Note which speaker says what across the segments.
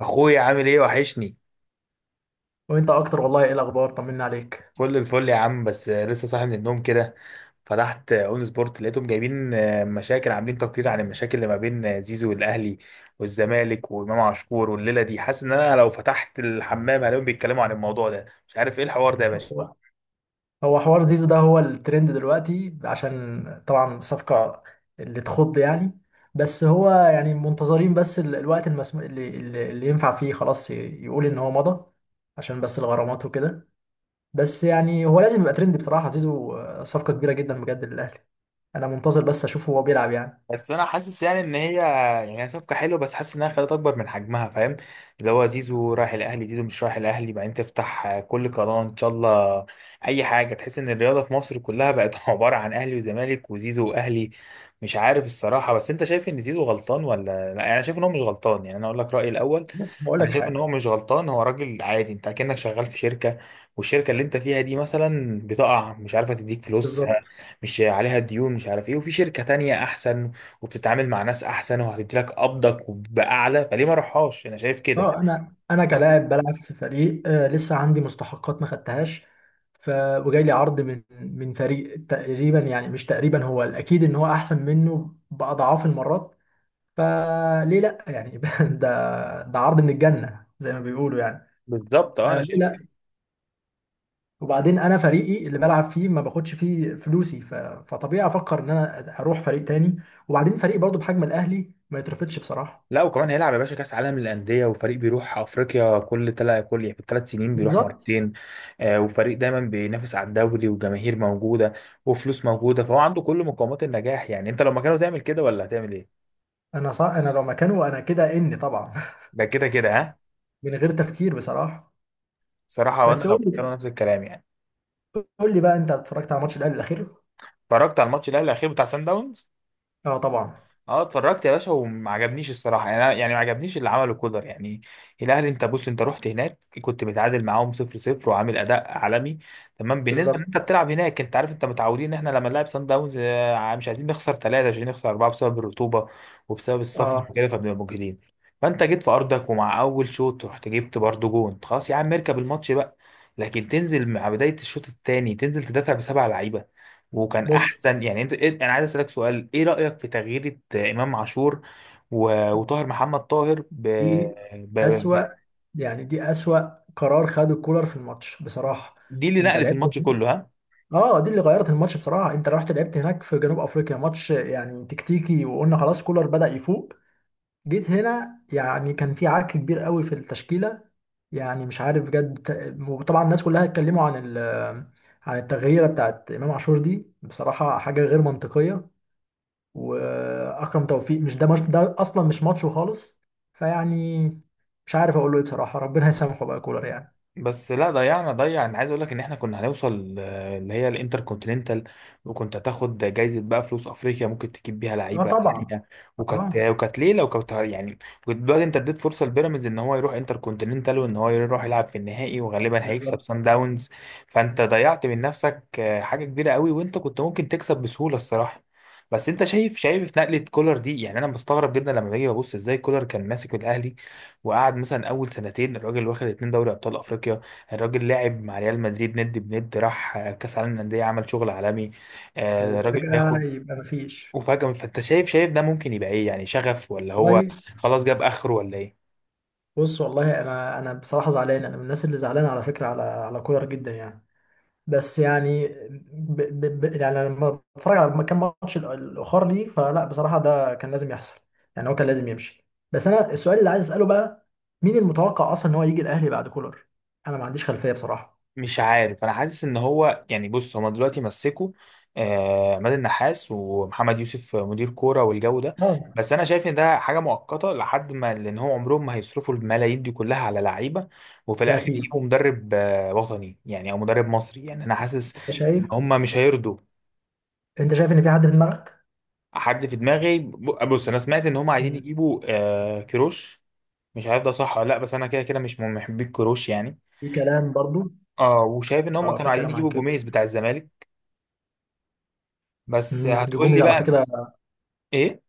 Speaker 1: اخويا عامل ايه؟ وحشني.
Speaker 2: وانت اكتر، والله ايه الاخبار؟ طمنا عليك.
Speaker 1: فل الفل يا عم، بس لسه صاحي من النوم كده. فتحت اون سبورت لقيتهم جايبين مشاكل، عاملين تقرير عن المشاكل اللي ما بين زيزو والاهلي والزمالك وامام عاشور، والليله دي حاسس ان انا لو فتحت الحمام هلاقيهم بيتكلموا عن الموضوع ده، مش عارف ايه الحوار ده.
Speaker 2: هو هو حوار زيزو ده هو الترند دلوقتي عشان طبعا الصفقة اللي تخض يعني. بس هو يعني منتظرين بس الوقت المسمو اللي ينفع فيه خلاص، يقول ان هو مضى عشان بس الغرامات وكده. بس يعني هو لازم يبقى ترند بصراحة زيزو، آه، صفقة كبيرة جدا بجد للاهلي. انا منتظر بس اشوفه هو بيلعب يعني.
Speaker 1: بس انا حاسس يعني ان هي صفقه حلوه، بس حاسس انها خدت اكبر من حجمها، فاهم؟ اللي هو زيزو رايح الاهلي، زيزو مش رايح الاهلي، بعدين تفتح كل قناه ان شاء الله اي حاجه، تحس ان الرياضه في مصر كلها بقت عباره عن اهلي وزمالك وزيزو واهلي، مش عارف الصراحه. بس انت شايف ان زيزو غلطان ولا؟ لا يعني انا شايف ان هو مش غلطان، يعني انا اقول لك رايي الاول.
Speaker 2: هقول
Speaker 1: انا
Speaker 2: لك
Speaker 1: شايف ان
Speaker 2: حاجة.
Speaker 1: هو مش غلطان، هو راجل عادي. انت كأنك شغال في شركه، والشركه اللي انت فيها دي مثلا بتقع، مش عارفه تديك فلوس،
Speaker 2: بالظبط.
Speaker 1: مش عليها ديون، مش عارف ايه، وفي شركة تانية احسن وبتتعامل مع ناس احسن وهتدي لك قبضك باعلى، فليه ما اروحهاش؟ انا شايف كده.
Speaker 2: اه، انا
Speaker 1: أنا-
Speaker 2: كلاعب بلعب في فريق، آه لسه عندي مستحقات ما خدتهاش، ف وجاي لي عرض من فريق تقريبا يعني، مش تقريبا هو الاكيد ان هو احسن منه باضعاف المرات. فليه لا يعني ده، ده عرض من الجنة زي ما بيقولوا يعني.
Speaker 1: بالظبط، اه
Speaker 2: آه
Speaker 1: انا
Speaker 2: ليه
Speaker 1: شايف كده.
Speaker 2: لا. وبعدين انا فريقي اللي بلعب فيه ما باخدش فيه فلوسي، فطبيعي افكر ان انا اروح فريق تاني. وبعدين فريق برضه بحجم الاهلي ما يترفضش بصراحة.
Speaker 1: لا وكمان هيلعب يا باشا كاس عالم للانديه، وفريق بيروح افريقيا كل تلا كل يعني في الثلاث سنين بيروح
Speaker 2: بالظبط.
Speaker 1: مرتين. آه، وفريق دايما بينافس على الدوري، وجماهير موجوده وفلوس موجوده، فهو عنده كل مقومات النجاح. يعني انت لو مكانه تعمل كده ولا هتعمل ايه؟
Speaker 2: انا صح، انا لو مكانه انا كده اني طبعا،
Speaker 1: ده كده كده، ها.
Speaker 2: من غير تفكير بصراحه.
Speaker 1: صراحه، وانا
Speaker 2: بس
Speaker 1: لو
Speaker 2: قول
Speaker 1: مكانه
Speaker 2: لي،
Speaker 1: نفس الكلام يعني.
Speaker 2: قول لي بقى، انت اتفرجت على ماتش الاهلي الاخير؟
Speaker 1: اتفرجت على الماتش الاهلي الاخير بتاع سان داونز.
Speaker 2: اه طبعا.
Speaker 1: اه اتفرجت يا باشا، وما عجبنيش الصراحه، يعني ما عجبنيش اللي عمله كولر يعني. الاهلي، انت بص، انت رحت هناك كنت متعادل معاهم 0-0 وعامل اداء عالمي تمام، بالنسبه ان
Speaker 2: بالظبط.
Speaker 1: انت بتلعب هناك. انت عارف انت متعودين ان احنا لما نلعب سان داونز مش عايزين نخسر ثلاثه عشان نخسر اربعه بسبب الرطوبه وبسبب السفر
Speaker 2: اه
Speaker 1: وكده، فبنبقى مجهدين. فانت جيت في ارضك ومع اول شوط رحت جبت برضه جون، خلاص يا عم اركب الماتش بقى، لكن تنزل مع بدايه الشوط الثاني تنزل تدافع بسبع لعيبه، وكان
Speaker 2: بص،
Speaker 1: احسن يعني. انت انا عايز اسالك سؤال، ايه رايك في تغيير امام عاشور و- وطاهر محمد طاهر
Speaker 2: دي
Speaker 1: ب...
Speaker 2: اسوأ،
Speaker 1: ب...
Speaker 2: يعني دي اسوأ قرار خده كولر في الماتش بصراحه.
Speaker 1: دي اللي
Speaker 2: انت
Speaker 1: نقلت
Speaker 2: لعبت
Speaker 1: الماتش
Speaker 2: هناك.
Speaker 1: كله، ها.
Speaker 2: اه دي اللي غيرت الماتش بصراحه. انت رحت لعبت هناك في جنوب افريقيا ماتش يعني تكتيكي، وقلنا خلاص كولر بدأ يفوق. جيت هنا يعني كان في عك كبير قوي في التشكيله. يعني مش عارف بجد، وطبعا الناس كلها اتكلموا عن عن التغييره بتاعت امام عاشور دي، بصراحه حاجه غير منطقيه. واكرم توفيق مش ده، مش ده اصلا مش ماتشه خالص. فيعني مش عارف اقول له ايه بصراحه، ربنا يسامحه بقى كولر يعني.
Speaker 1: بس لا، ضيعنا ضيع، انا عايز اقول لك ان احنا كنا هنوصل اللي هي الانتر كونتيننتال، وكنت هتاخد جايزه بقى فلوس افريقيا ممكن تجيب بيها
Speaker 2: اه
Speaker 1: لعيبه
Speaker 2: طبعا.
Speaker 1: تانيه. وكانت
Speaker 2: اه
Speaker 1: وكانت ليله وكانت يعني وكنت دلوقتي انت اديت فرصه لبيراميدز ان هو يروح انتر كونتيننتال وان هو يروح يلعب في النهائي وغالبا هيكسب
Speaker 2: بالظبط.
Speaker 1: سان داونز. فانت ضيعت من نفسك حاجه كبيره قوي، وانت كنت ممكن تكسب بسهوله الصراحه. بس انت شايف نقله كولر دي؟ يعني انا بستغرب جدا لما باجي ببص ازاي كولر كان ماسك الاهلي، وقعد مثلا اول سنتين الراجل، واخد اتنين دوري ابطال افريقيا. الراجل لعب مع ريال مدريد ند بند، راح كاس عالم للانديه، عمل شغل عالمي. الراجل
Speaker 2: وفجاه
Speaker 1: بياخد،
Speaker 2: يبقى مفيش.
Speaker 1: وفجأة فانت شايف ده ممكن يبقى ايه؟ يعني شغف ولا هو
Speaker 2: والله
Speaker 1: خلاص جاب اخره ولا ايه؟
Speaker 2: بص، والله انا بصراحه زعلان، انا من الناس اللي زعلانه على فكره على كولر جدا يعني. بس يعني يعني لما بتفرج على كام ماتش الاخر ليه، فلا بصراحه ده كان لازم يحصل. يعني هو كان لازم يمشي. بس انا السؤال اللي عايز اساله بقى، مين المتوقع اصلا ان هو يجي الاهلي بعد كولر؟ انا ما عنديش خلفيه بصراحه.
Speaker 1: مش عارف. انا حاسس ان هو يعني بص، هما دلوقتي مسكوا عماد النحاس ومحمد يوسف مدير كوره والجو ده،
Speaker 2: اه
Speaker 1: بس انا شايف ان ده حاجه مؤقته لحد ما، لان هو عمرهم ما هيصرفوا الملايين دي كلها على لعيبه وفي
Speaker 2: ده
Speaker 1: الاخر
Speaker 2: اكيد.
Speaker 1: يجيبوا مدرب وطني يعني او مدرب مصري، يعني انا حاسس
Speaker 2: انت
Speaker 1: ان
Speaker 2: شايف،
Speaker 1: هما مش هيرضوا.
Speaker 2: انت شايف ان في حد في دماغك؟
Speaker 1: حد في دماغي، بص انا سمعت ان هما عايزين
Speaker 2: امم.
Speaker 1: يجيبوا كيروش. مش عارف ده صح ولا لا، بس انا كده كده مش من محبي كيروش يعني.
Speaker 2: في كلام برضو.
Speaker 1: اه، وشايف ان هما
Speaker 2: اه
Speaker 1: كانوا
Speaker 2: في
Speaker 1: عايزين
Speaker 2: كلام عن
Speaker 1: يجيبوا
Speaker 2: كده.
Speaker 1: جوميز بتاع الزمالك، بس هتقول لي
Speaker 2: جوميز على
Speaker 1: بقى
Speaker 2: فكره،
Speaker 1: ايه؟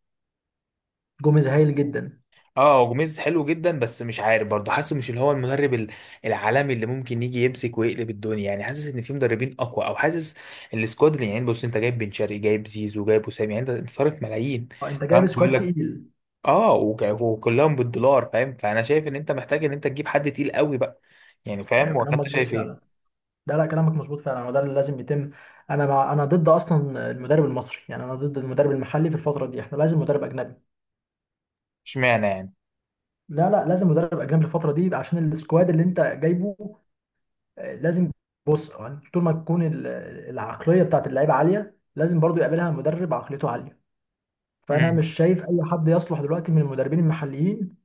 Speaker 2: جوميز هايل جدا.
Speaker 1: اه جوميز حلو جدا، بس مش عارف برضه حاسه، مش اللي هو المدرب العالمي اللي ممكن يجي يمسك ويقلب الدنيا يعني، حاسس ان في مدربين اقوى، او حاسس السكواد اللي يعني، بص انت جايب بن شرقي، جايب زيزو، جايب وسام، يعني انت صارف ملايين
Speaker 2: اه انت
Speaker 1: تمام،
Speaker 2: جايب
Speaker 1: بيقول
Speaker 2: سكواد
Speaker 1: لك
Speaker 2: تقيل.
Speaker 1: اه، وك- وكلهم بالدولار، فاهم؟ فانا شايف ان انت محتاج ان انت تجيب حد تقيل قوي بقى، يعني فاهم
Speaker 2: ايوه
Speaker 1: ولا
Speaker 2: كلام
Speaker 1: انت
Speaker 2: مظبوط
Speaker 1: شايف
Speaker 2: فعلا.
Speaker 1: ايه؟
Speaker 2: ده لا كلامك مظبوط فعلا وده اللي لازم يتم. انا مع، انا ضد اصلا المدرب المصري، يعني انا ضد المدرب المحلي في الفتره دي، احنا لازم مدرب اجنبي.
Speaker 1: اشمعنى؟
Speaker 2: لا لا لازم مدرب اجنبي الفتره دي عشان السكواد اللي انت جايبه، آه، لازم. بص يعني طول ما تكون العقليه بتاعت اللعيبه عاليه، لازم برضو يقابلها مدرب عقليته عاليه. فانا
Speaker 1: يعني،
Speaker 2: مش شايف اي حد يصلح دلوقتي من المدربين المحليين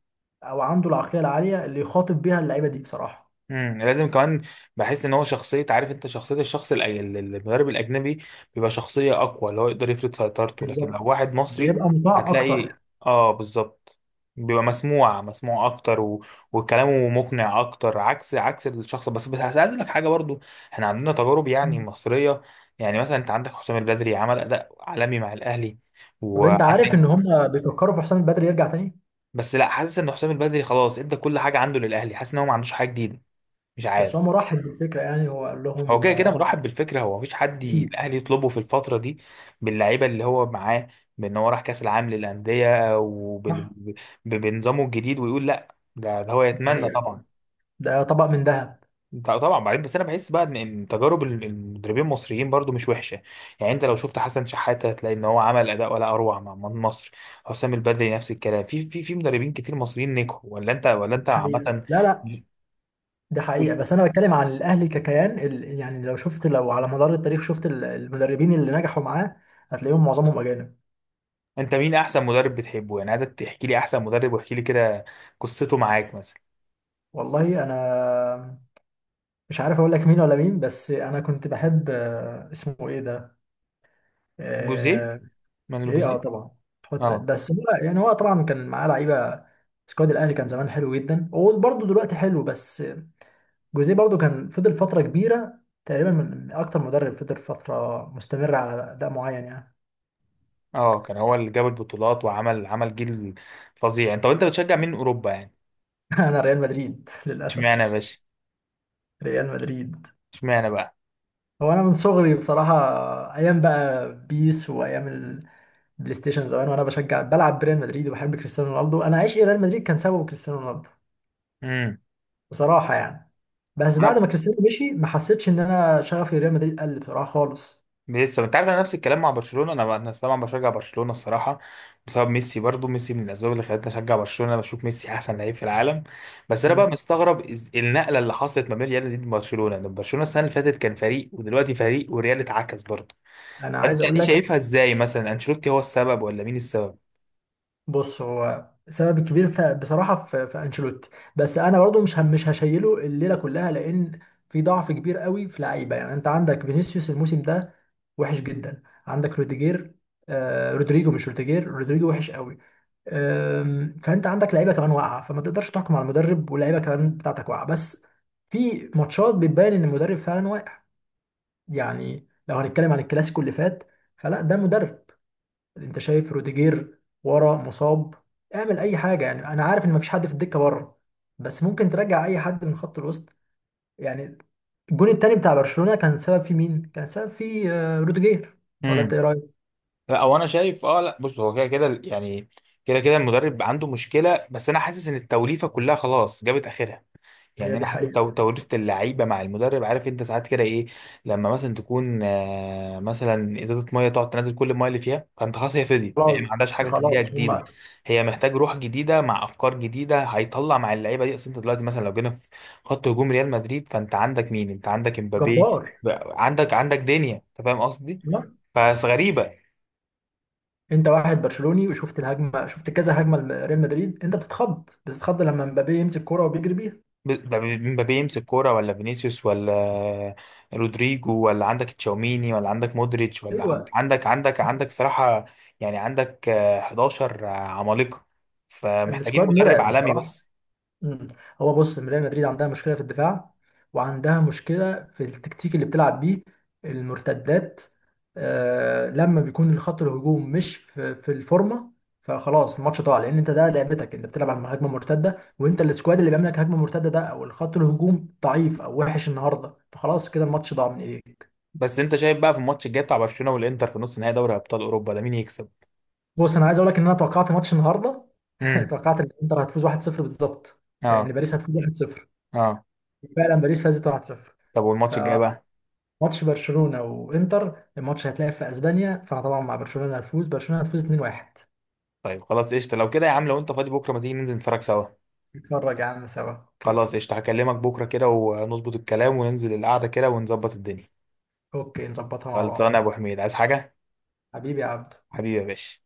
Speaker 2: او عنده العقليه العاليه اللي يخاطب بيها اللعيبه دي بصراحه.
Speaker 1: لازم كمان. بحس ان هو شخصيه، عارف انت، شخصيه الشخص المدرب الاجنبي بيبقى شخصيه اقوى، اللي هو يقدر يفرض سيطرته، لكن لو
Speaker 2: بالظبط.
Speaker 1: واحد مصري
Speaker 2: بيبقى مطاع
Speaker 1: هتلاقي
Speaker 2: اكتر.
Speaker 1: اه بالظبط، بيبقى مسموع اكتر و... وكلامه مقنع اكتر، عكس الشخص. بس عايز اقول لك حاجه برضو، احنا عندنا تجارب يعني
Speaker 2: مم.
Speaker 1: مصريه. يعني مثلا انت عندك حسام البدري عمل اداء عالمي مع الاهلي،
Speaker 2: طب انت عارف
Speaker 1: وعندك،
Speaker 2: ان هم بيفكروا في حسام البدري يرجع تاني؟
Speaker 1: بس لا حاسس ان حسام البدري خلاص ادى كل حاجه عنده للاهلي، حاسس ان هو ما عندوش حاجه جديده، مش
Speaker 2: بس
Speaker 1: عارف.
Speaker 2: هو مرحب بالفكرة يعني، هو قال
Speaker 1: هو
Speaker 2: لهم
Speaker 1: كده كده
Speaker 2: آه، أنا
Speaker 1: مرحب بالفكره، هو مفيش حد
Speaker 2: أكيد.
Speaker 1: الاهلي يطلبه في الفتره دي باللعيبه اللي هو معاه، بان هو راح كاس العالم للانديه
Speaker 2: صح.
Speaker 1: بنظامه الجديد، ويقول لا ده، ده هو
Speaker 2: دي
Speaker 1: يتمنى طبعا.
Speaker 2: حقيقة. ده طبق من ذهب.
Speaker 1: طبعا. بعدين بس انا بحس بقى ان تجارب المدربين المصريين برضو مش وحشه، يعني انت لو شفت حسن شحاته هتلاقي ان هو عمل اداء ولا اروع مع مصر حسام البدري نفس الكلام، في مدربين كتير مصريين نجحوا، ولا انت
Speaker 2: دي حقيقة،
Speaker 1: عامه
Speaker 2: لا لا ده حقيقة. بس أنا بتكلم عن الأهلي ككيان، يعني لو شفت، لو على مدار التاريخ شفت المدربين اللي نجحوا معاه، هتلاقيهم معظمهم أجانب.
Speaker 1: انت مين احسن مدرب بتحبه؟ يعني عايزك تحكي لي احسن مدرب، واحكي لي كده قصته معاك مثلا.
Speaker 2: والله أنا مش عارف أقول لك مين ولا مين، بس أنا كنت بحب آه، اسمه إيه ده،
Speaker 1: جوزيه،
Speaker 2: آه،
Speaker 1: مانويل
Speaker 2: إيه أه
Speaker 1: جوزيه.
Speaker 2: طبعا. حط
Speaker 1: اه.
Speaker 2: بس هو يعني، هو طبعا كان معاه لعيبة، سكواد الأهلي كان زمان حلو جدا وبرضه دلوقتي حلو. بس جوزيه برضو كان فضل فترة كبيرة، تقريبا من أكتر مدرب فضل فترة مستمرة على أداء معين يعني.
Speaker 1: اه كان هو اللي جاب البطولات وعمل عمل جيل فظيع. انت وانت بتشجع مين اوروبا يعني؟
Speaker 2: أنا ريال مدريد
Speaker 1: اشمعنى يا
Speaker 2: للأسف.
Speaker 1: باشا؟
Speaker 2: ريال مدريد.
Speaker 1: اشمعنى بقى؟
Speaker 2: هو أنا من صغري بصراحة، أيام بقى بيس وأيام البلاي ستيشن زمان، وأنا بشجع بلعب بريال مدريد وبحب كريستيانو رونالدو. أنا عشق ريال مدريد كان سببه كريستيانو رونالدو
Speaker 1: امم،
Speaker 2: بصراحة يعني. بس بعد
Speaker 1: انا
Speaker 2: ما كريستيانو مشي ما حسيتش إن أنا شغفي ريال مدريد قل بصراحة خالص.
Speaker 1: لسه، انت عارف، انا نفس الكلام مع برشلونه، انا طبعا بشجع برشلونه الصراحه بسبب ميسي، برضو ميسي من الاسباب اللي خلتني اشجع برشلونه، انا بشوف ميسي احسن لعيب في العالم. بس انا بقى
Speaker 2: مم.
Speaker 1: مستغرب النقله اللي حصلت ما بين ريال مدريد وبرشلونه، لان برشلونه السنه اللي فاتت كان فريق ودلوقتي فريق، والريال اتعكس برضو.
Speaker 2: أنا
Speaker 1: فانت
Speaker 2: عايز أقول
Speaker 1: دي
Speaker 2: لك.
Speaker 1: شايفها ازاي؟ مثلا انشيلوتي هو السبب ولا مين السبب؟
Speaker 2: بص هو سبب كبير، بصراحه في انشيلوتي. بس انا برضو مش، هم مش هشيله الليله كلها، لان في ضعف كبير قوي في لعيبه. يعني انت عندك فينيسيوس الموسم ده وحش جدا، عندك روديجير، آه رودريجو مش روديجير، رودريجو وحش قوي. آم، فانت عندك لعيبه كمان واقعه، فما تقدرش تحكم على المدرب واللعيبه كمان بتاعتك واقعه. بس في ماتشات بتبين ان المدرب فعلا واقع. يعني لو هنتكلم عن الكلاسيكو اللي فات، فلا ده مدرب. انت شايف روديجير ورا مصاب، اعمل اي حاجه يعني. انا عارف ان مفيش حد في الدكه بره، بس ممكن ترجع اي حد من خط الوسط يعني. الجون التاني بتاع برشلونه كان سبب فيه مين؟ كان سبب فيه آه، روديجير. ولا انت
Speaker 1: امم.
Speaker 2: ايه رايك؟
Speaker 1: لا هو انا شايف، اه لا بص هو كده كده يعني، كده كده المدرب عنده مشكله، بس انا حاسس ان التوليفه كلها خلاص جابت اخرها، يعني
Speaker 2: هي دي
Speaker 1: انا حاسس
Speaker 2: حقيقه.
Speaker 1: توريث اللعيبه مع المدرب، عارف انت ساعات كده ايه، لما مثلا تكون مثلا ازازه ميه، تقعد تنزل كل الميه اللي فيها، فانت خلاص هي فضيت، هي ما
Speaker 2: خلاص
Speaker 1: عندهاش
Speaker 2: ده
Speaker 1: حاجه تديها
Speaker 2: خلاص
Speaker 1: جديده،
Speaker 2: هما.
Speaker 1: هي محتاج روح جديده مع افكار جديده هيطلع مع اللعيبه دي، اصل انت دلوقتي مثلا لو جينا في خط هجوم ريال مدريد، فانت عندك مين؟ انت عندك امبابي،
Speaker 2: جبار.
Speaker 1: عندك دنيا، انت فاهم قصدي؟
Speaker 2: تمام؟
Speaker 1: فغريبه.
Speaker 2: انت واحد برشلوني وشفت الهجمه، شفت كذا هجمه لريال مدريد، انت بتتخض، بتتخض لما مبابي يمسك كرة وبيجري بيها.
Speaker 1: مبابي يمسك كورة، ولا فينيسيوس، ولا رودريجو، ولا عندك تشاوميني، ولا عندك مودريتش، ولا
Speaker 2: ايوه.
Speaker 1: عندك صراحة يعني، عندك 11 عمالقة، فمحتاجين
Speaker 2: السكواد
Speaker 1: مدرب
Speaker 2: مرعب
Speaker 1: عالمي
Speaker 2: بصراحه.
Speaker 1: بس.
Speaker 2: مم. هو بص ريال مدريد عندها مشكله في الدفاع، وعندها مشكله في التكتيك اللي بتلعب بيه، المرتدات. آه لما بيكون الخط الهجوم مش في الفورمه، فخلاص الماتش ضاع، لان انت ده لعبتك، انت بتلعب على هجمه مرتده. وانت السكواد اللي بيعمل لك هجمه مرتده ده، او الخط الهجوم ضعيف او وحش النهارده، فخلاص كده الماتش ضاع من ايديك.
Speaker 1: بس انت شايف بقى في الماتش الجاي بتاع برشلونة والانتر في نص نهائي دوري ابطال اوروبا ده مين يكسب؟
Speaker 2: بص انا عايز اقول لك ان انا توقعت ماتش النهارده.
Speaker 1: امم،
Speaker 2: توقعت ان انتر هتفوز 1-0 بالظبط.
Speaker 1: اه.
Speaker 2: ان باريس هتفوز 1-0.
Speaker 1: اه.
Speaker 2: فعلا باريس فازت 1-0.
Speaker 1: طب والماتش الجاي بقى؟
Speaker 2: ماتش برشلونة وانتر، الماتش هيتلعب في اسبانيا، فانا طبعا مع برشلونة، هتفوز برشلونة، هتفوز 2-1.
Speaker 1: طيب خلاص قشطة لو كده يا عم، لو انت فاضي بكرة ما تيجي ننزل نتفرج سوا.
Speaker 2: نتفرج يا عم سوا اوكي.
Speaker 1: خلاص قشطة، هكلمك بكرة كده ونظبط الكلام وننزل القعدة كده ونظبط الدنيا.
Speaker 2: اوكي نظبطها مع
Speaker 1: خلصانة
Speaker 2: بعض.
Speaker 1: يا ابو حميد، عايز حاجة؟
Speaker 2: حبيبي يا عبد.
Speaker 1: حبيبي يا باشا.